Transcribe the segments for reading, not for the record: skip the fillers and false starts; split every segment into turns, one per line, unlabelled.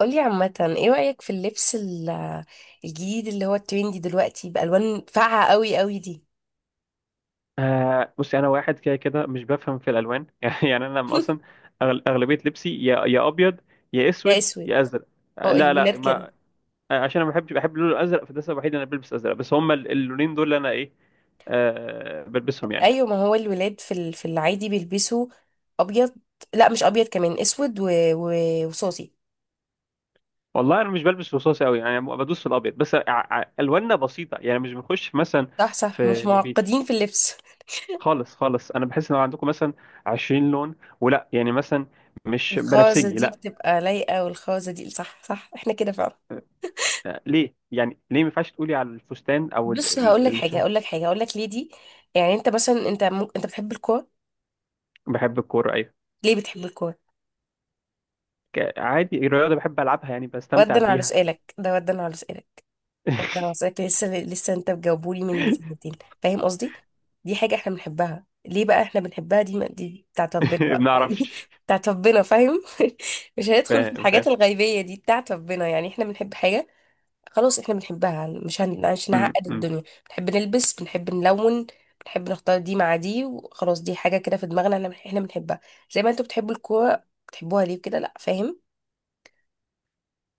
قولي عامة ايه رأيك في اللبس الجديد اللي هو الترندي دلوقتي بألوان فاقعة قوي قوي دي.
آه، بصي، انا واحد كده كده مش بفهم في الالوان. يعني انا لما اصلا اغلبيه لبسي يا ابيض يا
يا
اسود
اسود.
يا ازرق، آه،
هو
لا، لا،
الولاد كده.
ما آه، عشان انا ما بحبش بحب اللون الازرق، فده السبب الوحيد اللي انا بلبس ازرق، بس هما اللونين دول اللي انا ايه آه بلبسهم يعني.
ايوه، ما هو الولاد في في العادي بيلبسوا ابيض. لا، مش ابيض كمان، اسود و... وصوصي.
والله انا مش بلبس رصاصي قوي، يعني بدوس في الابيض بس. الواننا بسيطه، يعني مش بنخش مثلا
صح صح، مش
في نبيتي
معقدين في اللبس.
خالص خالص. انا بحس ان عندكم مثلا 20 لون، ولا يعني مثلا مش
الخازة
بنفسجي،
دي
لا.
بتبقى لايقة، والخازة دي صح صح احنا كده فعلا.
آه، ليه؟ يعني ليه ما ينفعش تقولي على الفستان او
بص هقول لك حاجة، هقول لك حاجة، هقول لك ليه دي. يعني انت مثلا انت بتحب الكورة.
بحب الكوره، ايوه.
ليه بتحب الكورة؟
عادي الرياضه بحب العبها، يعني بستمتع
ردا على
بيها.
سؤالك ده، ردا على سؤالك انا وصلت لسه، لسه انت بجاوبولي من سنتين. فاهم قصدي. دي حاجه احنا بنحبها، ليه بقى احنا بنحبها؟ دي بتاعت ربنا بقى
ما
يعني.
اعرفش.
بتاعت ربنا فاهم. مش هندخل في
فاهم،
الحاجات
فاهم.
الغيبيه دي، بتاعت ربنا، يعني احنا بنحب حاجه خلاص احنا بنحبها. مش
م-
هنعقد
م.
الدنيا. بنحب نلبس، بنحب نلون، بنحب نختار دي مع دي وخلاص. دي حاجه كده في دماغنا، احنا بنحبها، زي ما انتوا بتحبوا الكوره. بتحبوها ليه كده؟ لا فاهم.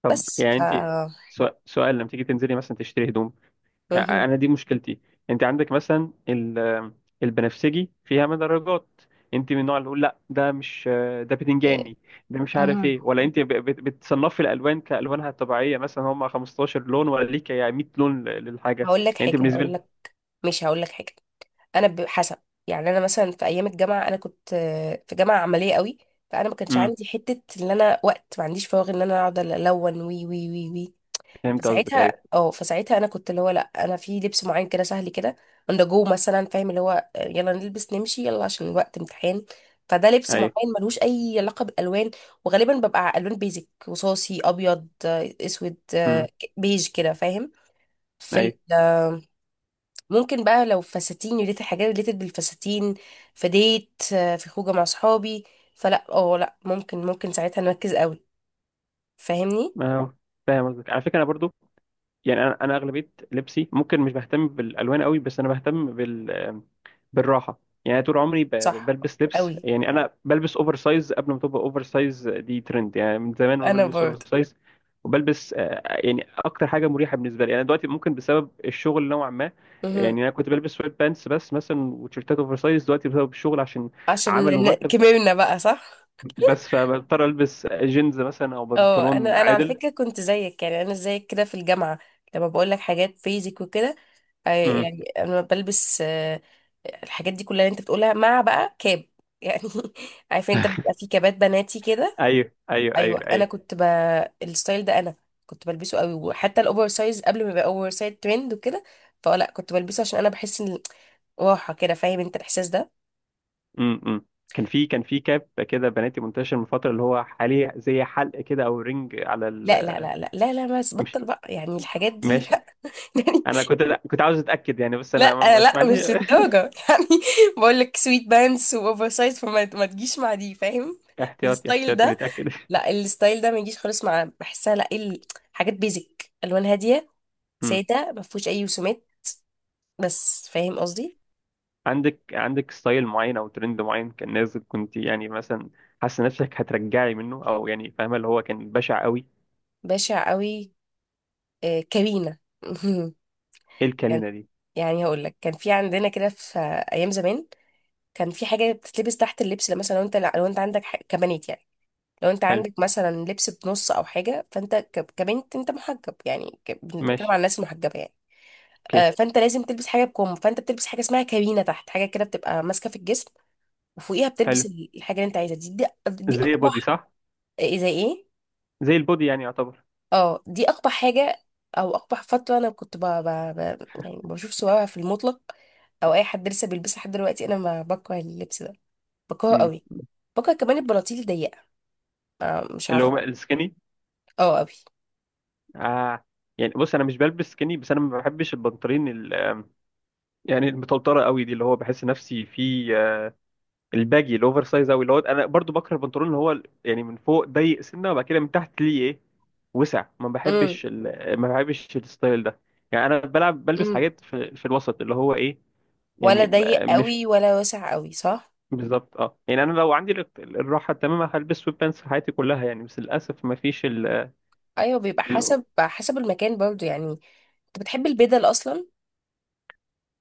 طب
بس
يعني انت، سؤال: لما تيجي تنزلي مثلا تشتري هدوم،
مهم.
انا دي مشكلتي. انت عندك مثلا البنفسجي فيها مدرجات، انت من النوع اللي يقول لا ده مش، ده
إيه،
بتنجاني، ده مش عارف
مهم.
ايه، ولا انت بتصنفي الالوان كالوانها الطبيعيه، مثلا هم 15 لون ولا ليك يعني 100 لون للحاجه،
هقول لك
يعني انت
حاجه،
بالنسبه
هقول
لك.
لك، ماشي هقول لك حاجه. انا حسب، يعني انا مثلا في ايام الجامعه انا كنت في جامعه عمليه قوي. فانا ما كانش
امم
عندي حته ان انا وقت ما عنديش فراغ ان انا اقعد الون وي وي وي وي.
فهمت قصدك. ايوه،
فساعتها انا كنت اللي هو، لا انا في لبس معين كده سهل كده اندر جو مثلا، فاهم اللي هو يلا نلبس نمشي يلا عشان الوقت امتحان. فده لبس
ايوه.
معين ملوش اي علاقه بالالوان، وغالبا ببقى الوان بيزك، رصاصي، ابيض، اسود،
امم،
بيج كده فاهم. في
ايوه.
ممكن بقى لو فساتين، ريليتد حاجات ريليتد بالفساتين، في ديت، في خروجه مع صحابي، فلا لا ممكن ساعتها نركز قوي. فاهمني.
ما هو فاهم قصدك، على فكره انا برضو. يعني انا اغلبيه لبسي ممكن مش بهتم بالالوان قوي، بس انا بهتم بالراحه. يعني أنا طول عمري
صح
بلبس لبس،
قوي،
يعني انا بلبس اوفر سايز قبل ما تبقى اوفر سايز دي ترند، يعني من زمان وانا
انا
بلبس اوفر
برضه.
سايز. وبلبس يعني اكتر حاجه مريحه بالنسبه لي. انا دلوقتي ممكن بسبب الشغل نوعا ما،
مهم.
يعني انا كنت بلبس سويت بانس بس مثلا وتيشيرتات اوفر سايز، دلوقتي بسبب الشغل عشان
عشان
عمل ومكتب،
كبرنا بقى. صح.
بس فبضطر البس جينز مثلا او
اه،
بنطلون
انا على
عادل.
فكره كنت زيك، يعني انا زيك كده في الجامعه، لما بقول لك حاجات بيزك وكده.
امم،
يعني انا بلبس الحاجات دي كلها اللي انت بتقولها، مع بقى كاب يعني. عارفه انت بيبقى في كابات بناتي كده.
ايوه، ايوه،
ايوه،
ايوه،
انا
ايوه.
كنت الستايل ده انا كنت بلبسه قوي، وحتى الاوفر سايز قبل ما يبقى اوفر سايز ترند وكده. فلا كنت بلبسه عشان انا بحس ان راحه كده. فاهم انت الاحساس ده.
امم، كان في كاب كده بناتي منتشر من فتره، اللي هو حاليا زي حلق كده او رينج على
لا لا
ال
لا لا لا لا، بس
مش
بطل بقى، يعني الحاجات دي
ماشي.
لا يعني.
انا كنت، لا، كنت عاوز اتاكد يعني، بس
لا
انا مش،
لا
ما عندي.
مش للدرجه يعني. بقول لك سويت بانس واوفر سايز، فما ما تجيش مع دي فاهم.
احتياطي
الستايل
احتياطي
ده،
نتاكد.
لا الستايل ده ما يجيش خالص مع بحسها، لا حاجات بيزك الوان هاديه،
امم
ساده ما فيهوش اي رسومات بس. فاهم قصدي.
عندك ستايل معين او ترند معين كان نازل، كنت يعني مثلا حاسه نفسك هترجعي منه، او يعني فاهمه اللي هو كان بشع قوي؟
بشع قوي، كابينة.
ايه
كان-
الكلينه دي؟
يعني هقول لك، كان في عندنا كده في ايام زمان كان في حاجه بتتلبس تحت اللبس. لو مثلا لو انت، عندك كبنات يعني، لو انت
حلو،
عندك مثلا لبس بنص او حاجه، فانت كبنت انت محجب يعني، بنتكلم عن
ماشي،
الناس المحجبه يعني.
اوكي.
فانت لازم تلبس حاجه بكم، فانت بتلبس حاجه اسمها كابينه تحت، حاجه كده بتبقى ماسكه في الجسم، وفوقيها
حلو،
بتلبس الحاجه اللي انت عايزها. دي
زي بودي
اقبح.
صح؟
إيه؟ زي ايه؟
زي البودي يعني يعتبر.
اه دي اقبح حاجه، او اقبح فتره انا كنت يعني بشوف صورها في المطلق، او اي حد لسه بيلبسها لحد دلوقتي، انا ما بكره اللبس ده، بكرهه
امم
قوي. بكره كمان البناطيل الضيقه، مش
اللي
عارفه.
هو السكيني.
اه قوي.
آه، يعني بص انا مش بلبس سkinny، بس انا ما بحبش البنطلون يعني المطلطره قوي دي، اللي هو بحس نفسي في الباجي الاوفر سايز قوي، اللي هو انا برضو بكره البنطلون اللي هو يعني من فوق ضيق سنه وبعد كده من تحت ليه ايه وسع.
امم،
ما بحبش الستايل ده. يعني انا بلعب بلبس
امم.
حاجات في الوسط، اللي هو ايه،
ولا
يعني
ضيق
آه، مش
قوي ولا واسع قوي، صح.
بالظبط، اه. يعني انا لو عندي الراحه التامه هلبس سويت بانس في حياتي كلها يعني، بس للاسف ما فيش.
ايوه، بيبقى حسب المكان برضو يعني. انت بتحب البدل اصلا.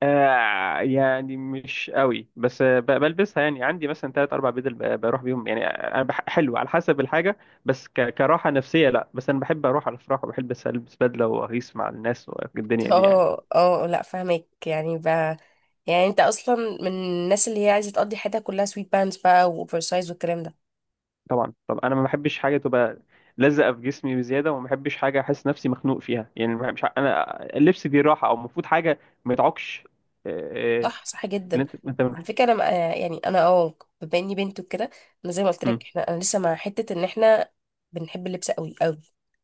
آه، يعني مش قوي، بس بلبسها يعني. عندي مثلا ثلاث اربع بدل، بروح بيهم يعني. انا حلو على حسب الحاجه، بس كراحه نفسيه لا. بس انا بحب اروح على الافراح وبحب البس بدله واغيس مع الناس والدنيا دي يعني.
اه لا فاهمك، يعني يعني انت اصلا من الناس اللي هي عايزه تقضي حياتها كلها سويت بانز بقى واوفر سايز والكلام ده.
طبعا. طب انا ما بحبش حاجه تبقى لزقه في جسمي بزياده، وما بحبش حاجه احس نفسي مخنوق فيها يعني. ما- مش ع- انا اللبس دي راحه، او المفروض حاجه ما يتعكش. آه، آه،
صح صح
اللي
جدا.
انت، انت.
على فكره انا يعني انا، بما اني بنت وكده، انا زي ما قلت
مم،
لك، احنا انا لسه مع حته ان احنا بنحب اللبس قوي قوي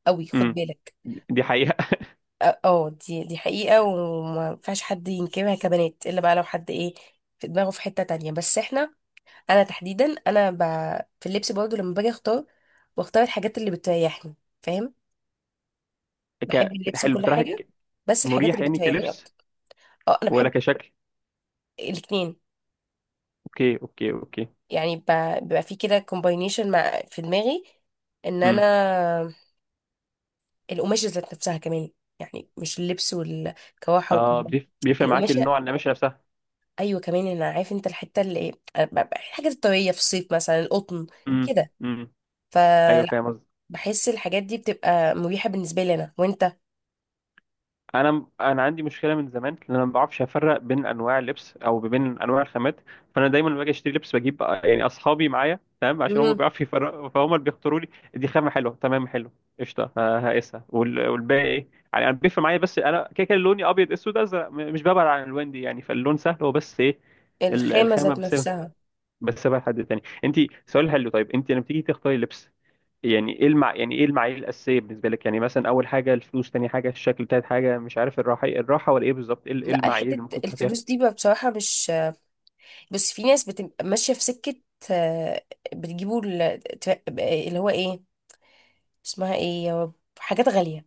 قوي، خد
مم.
بالك.
دي حقيقه.
دي حقيقه، وما ينفعش حد ينكرها كبنات، الا بقى لو حد ايه في دماغه، في حته تانية. بس احنا، انا تحديدا، انا في اللبس برضه، لما باجي اختار بختار الحاجات اللي بتريحني. فاهم، بحب اللبس
حلو
وكل حاجه،
بتراحك؟
بس الحاجات
مريح
اللي
يعني
بتريحني
كلبس
اكتر. اه انا
ولا
بحب
كشكل؟
الاتنين،
اوكي، اوكي، اوكي.
يعني بيبقى في كده كومباينيشن مع في دماغي ان
امم
انا القماشة ذات نفسها كمان، يعني مش اللبس والكواحة
اه،
وكمان
بيفرق معاك النوع،
القماشة.
النماشي نفسها.
ايوه كمان، انا عارف انت الحتة اللي ايه، أنا الحاجات الطبيعية في الصيف مثلا، القطن
امم،
كده،
امم، ايوه، فاهم
فبحس
قصدي.
الحاجات دي بتبقى مريحة بالنسبة لي انا وانت.
انا عندي مشكله من زمان، ان انا ما بعرفش افرق بين انواع اللبس او بين انواع الخامات. فانا دايما لما باجي اشتري لبس بجيب يعني اصحابي معايا تمام، عشان هم
مم.
بيعرفوا يفرقوا، فهم اللي بيختاروا لي. دي خامه حلوه، تمام، حلو، قشطه، هقيسها، والباقي ايه يعني. انا بيفرق معايا، بس انا كده كده لوني ابيض اسود ازرق، مش ببعد عن الالوان دي يعني. فاللون سهل، هو بس ايه
الخامة
الخامه
ذات
بس.
نفسها.
بس بقى حد تاني انت. سؤال حلو، طيب انت لما تيجي تختاري لبس، يعني ايه يعني ايه المعايير الاساسيه بالنسبه لك؟ يعني مثلا اول حاجه الفلوس، تاني حاجه الشكل، تالت حاجه مش عارف، الراحه، الراحه ولا ايه بالظبط؟ ايه
لا،
المعايير
حتة
اللي ممكن تحطيها؟
الفلوس دي بقى بصراحة مش، بس في ناس بتبقى ماشية في سكة، آه، بتجيبوا اللي هو ايه، اسمها ايه، يا رب، حاجات غالية.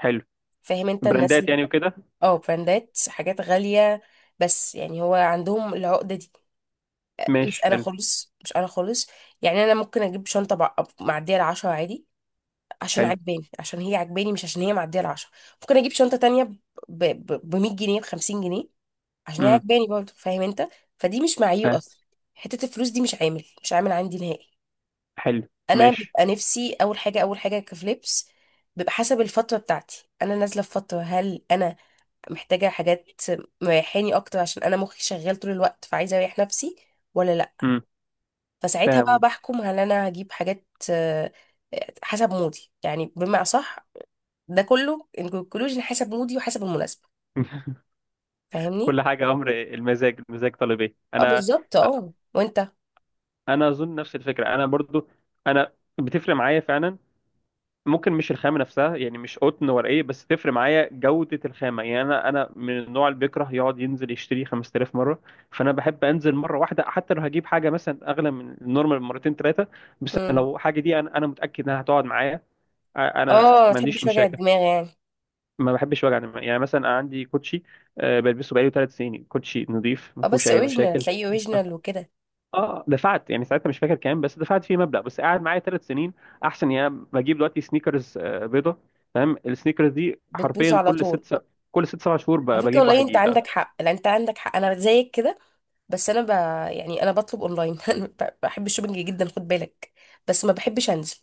حلو،
فاهم انت الناس
براندات
اللي،
يعني وكده.
اه، براندات، حاجات غالية، بس يعني هو عندهم العقدة دي. مش
ماشي،
انا
حلو،
خالص، مش انا خالص. يعني انا ممكن اجيب شنطة معدية العشرة عادي، عشان
حلو.
عجباني، عشان هي عجباني، مش عشان هي معدية العشرة. ممكن اجيب شنطة تانية ب 100 جنيه، ب 50 جنيه، عشان هي
امم
عجباني برضه، فاهم انت. فدي مش معيو
فاهم.
اصلا، حتة الفلوس دي مش عامل، عندي نهائي.
حلو،
انا
ماشي.
بيبقى نفسي اول حاجه، اول حاجه في لبس، بيبقى حسب الفتره بتاعتي. انا نازله في فتره هل انا محتاجه حاجات مريحاني اكتر عشان انا مخي شغال طول الوقت، فعايزه اريح نفسي ولا لا.
امم
فساعتها بقى
فاهم.
بحكم هل انا هجيب حاجات، حسب مودي، يعني بمعنى صح، ده كله انكلوجن حسب مودي وحسب المناسبه. فاهمني.
كل حاجه امر المزاج، المزاج طالب ايه.
اه
انا
بالظبط، اه. وانت.
انا اظن نفس الفكره، انا برضو. انا بتفرق معايا فعلا، ممكن مش الخامة نفسها يعني، مش قطن ورقية، بس تفرق معايا جودة الخامة. يعني أنا من النوع اللي بيكره يقعد ينزل يشتري 5000 مرة، فأنا بحب أنزل مرة واحدة، حتى لو هجيب حاجة مثلا أغلى من النورمال مرتين ثلاثة، بس
مم.
لو حاجة دي أنا متأكد إنها هتقعد معايا.
اه
أنا
ما
ما عنديش
تحبش وجع
مشاكل.
الدماغ يعني.
ما بحبش وجع دماغ، يعني مثلا أنا عندي كوتشي بلبسه بقالي 3 سنين، كوتشي نظيف ما
اه،
فيهوش
بس
أي
اوريجينال
مشاكل.
تلاقيه اوريجينال وكده.
اه دفعت يعني ساعتها، مش فاكر كام، بس دفعت فيه مبلغ، بس قاعد معايا 3 سنين احسن. يعني أنا بجيب دلوقتي سنيكرز بيضه، فاهم، السنيكرز دي
بتبوظ
حرفيا
على
كل
طول.
كل 6 7 شهور
على فكرة
بجيب
والله
واحد
انت
جديد.
عندك حق، لا انت عندك حق، انا زيك كده. بس انا يعني انا بطلب اونلاين. انا بحب الشوبينج جدا خد بالك، بس ما بحبش انزل،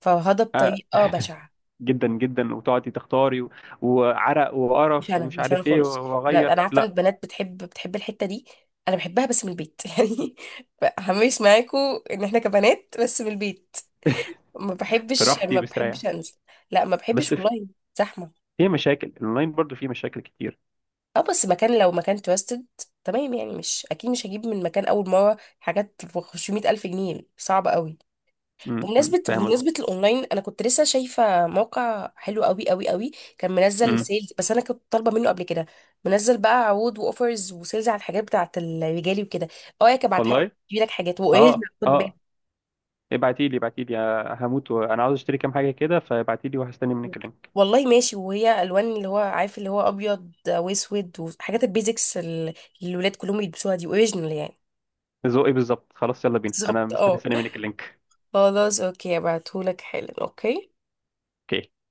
فهذا
آه،
بطريقة بشعة.
جدا جدا، وتقعدي تختاري وعرق
مش
وقرف
انا،
ومش
مش انا
عارف ايه
خالص. انا
واغير،
انا عارفة ان
لا.
البنات بتحب الحتة دي. انا بحبها بس من البيت يعني، همش معاكم ان احنا كبنات، بس من البيت. ما
في
بحبش،
راحتي
ما
مستريح،
بحبش انزل، لا ما بحبش
بس
والله، زحمة.
في مشاكل، الاونلاين برضو في مشاكل كتير.
اه بس مكان، لو مكان توستد تمام يعني، مش اكيد مش هجيب من مكان اول مره حاجات ب 500 الف جنيه، صعب قوي.
م- م،
بمناسبه
فاهم قصدي.
بمناسبه الاونلاين، انا كنت لسه شايفه موقع حلو قوي قوي قوي، كان منزل
م،
سيلز، بس انا كنت طالبه منه قبل كده. منزل بقى عروض واوفرز وسيلز على الحاجات بتاعه الرجالي وكده. اه يا كبعت حاجه،
والله،
تجيب لك حاجات واوريجنال
اه،
خد بالك.
اه. ابعتي لي، ابعتي لي، هموت وانا عاوز اشتري كام حاجه كده، فابعتي لي وهستني منك اللينك.
والله ماشي. وهي الوان اللي هو عارف، اللي هو ابيض واسود، وحاجات البيزكس اللي الولاد كلهم يلبسوها، دي اوريجنال يعني.
ذوقي بالظبط، خلاص، يلا بينا، انا
بالظبط،
مستني،
اه.
استنى منك اللينك.
خلاص اوكي، ابعتهولك حالا، اوكي.
اوكي.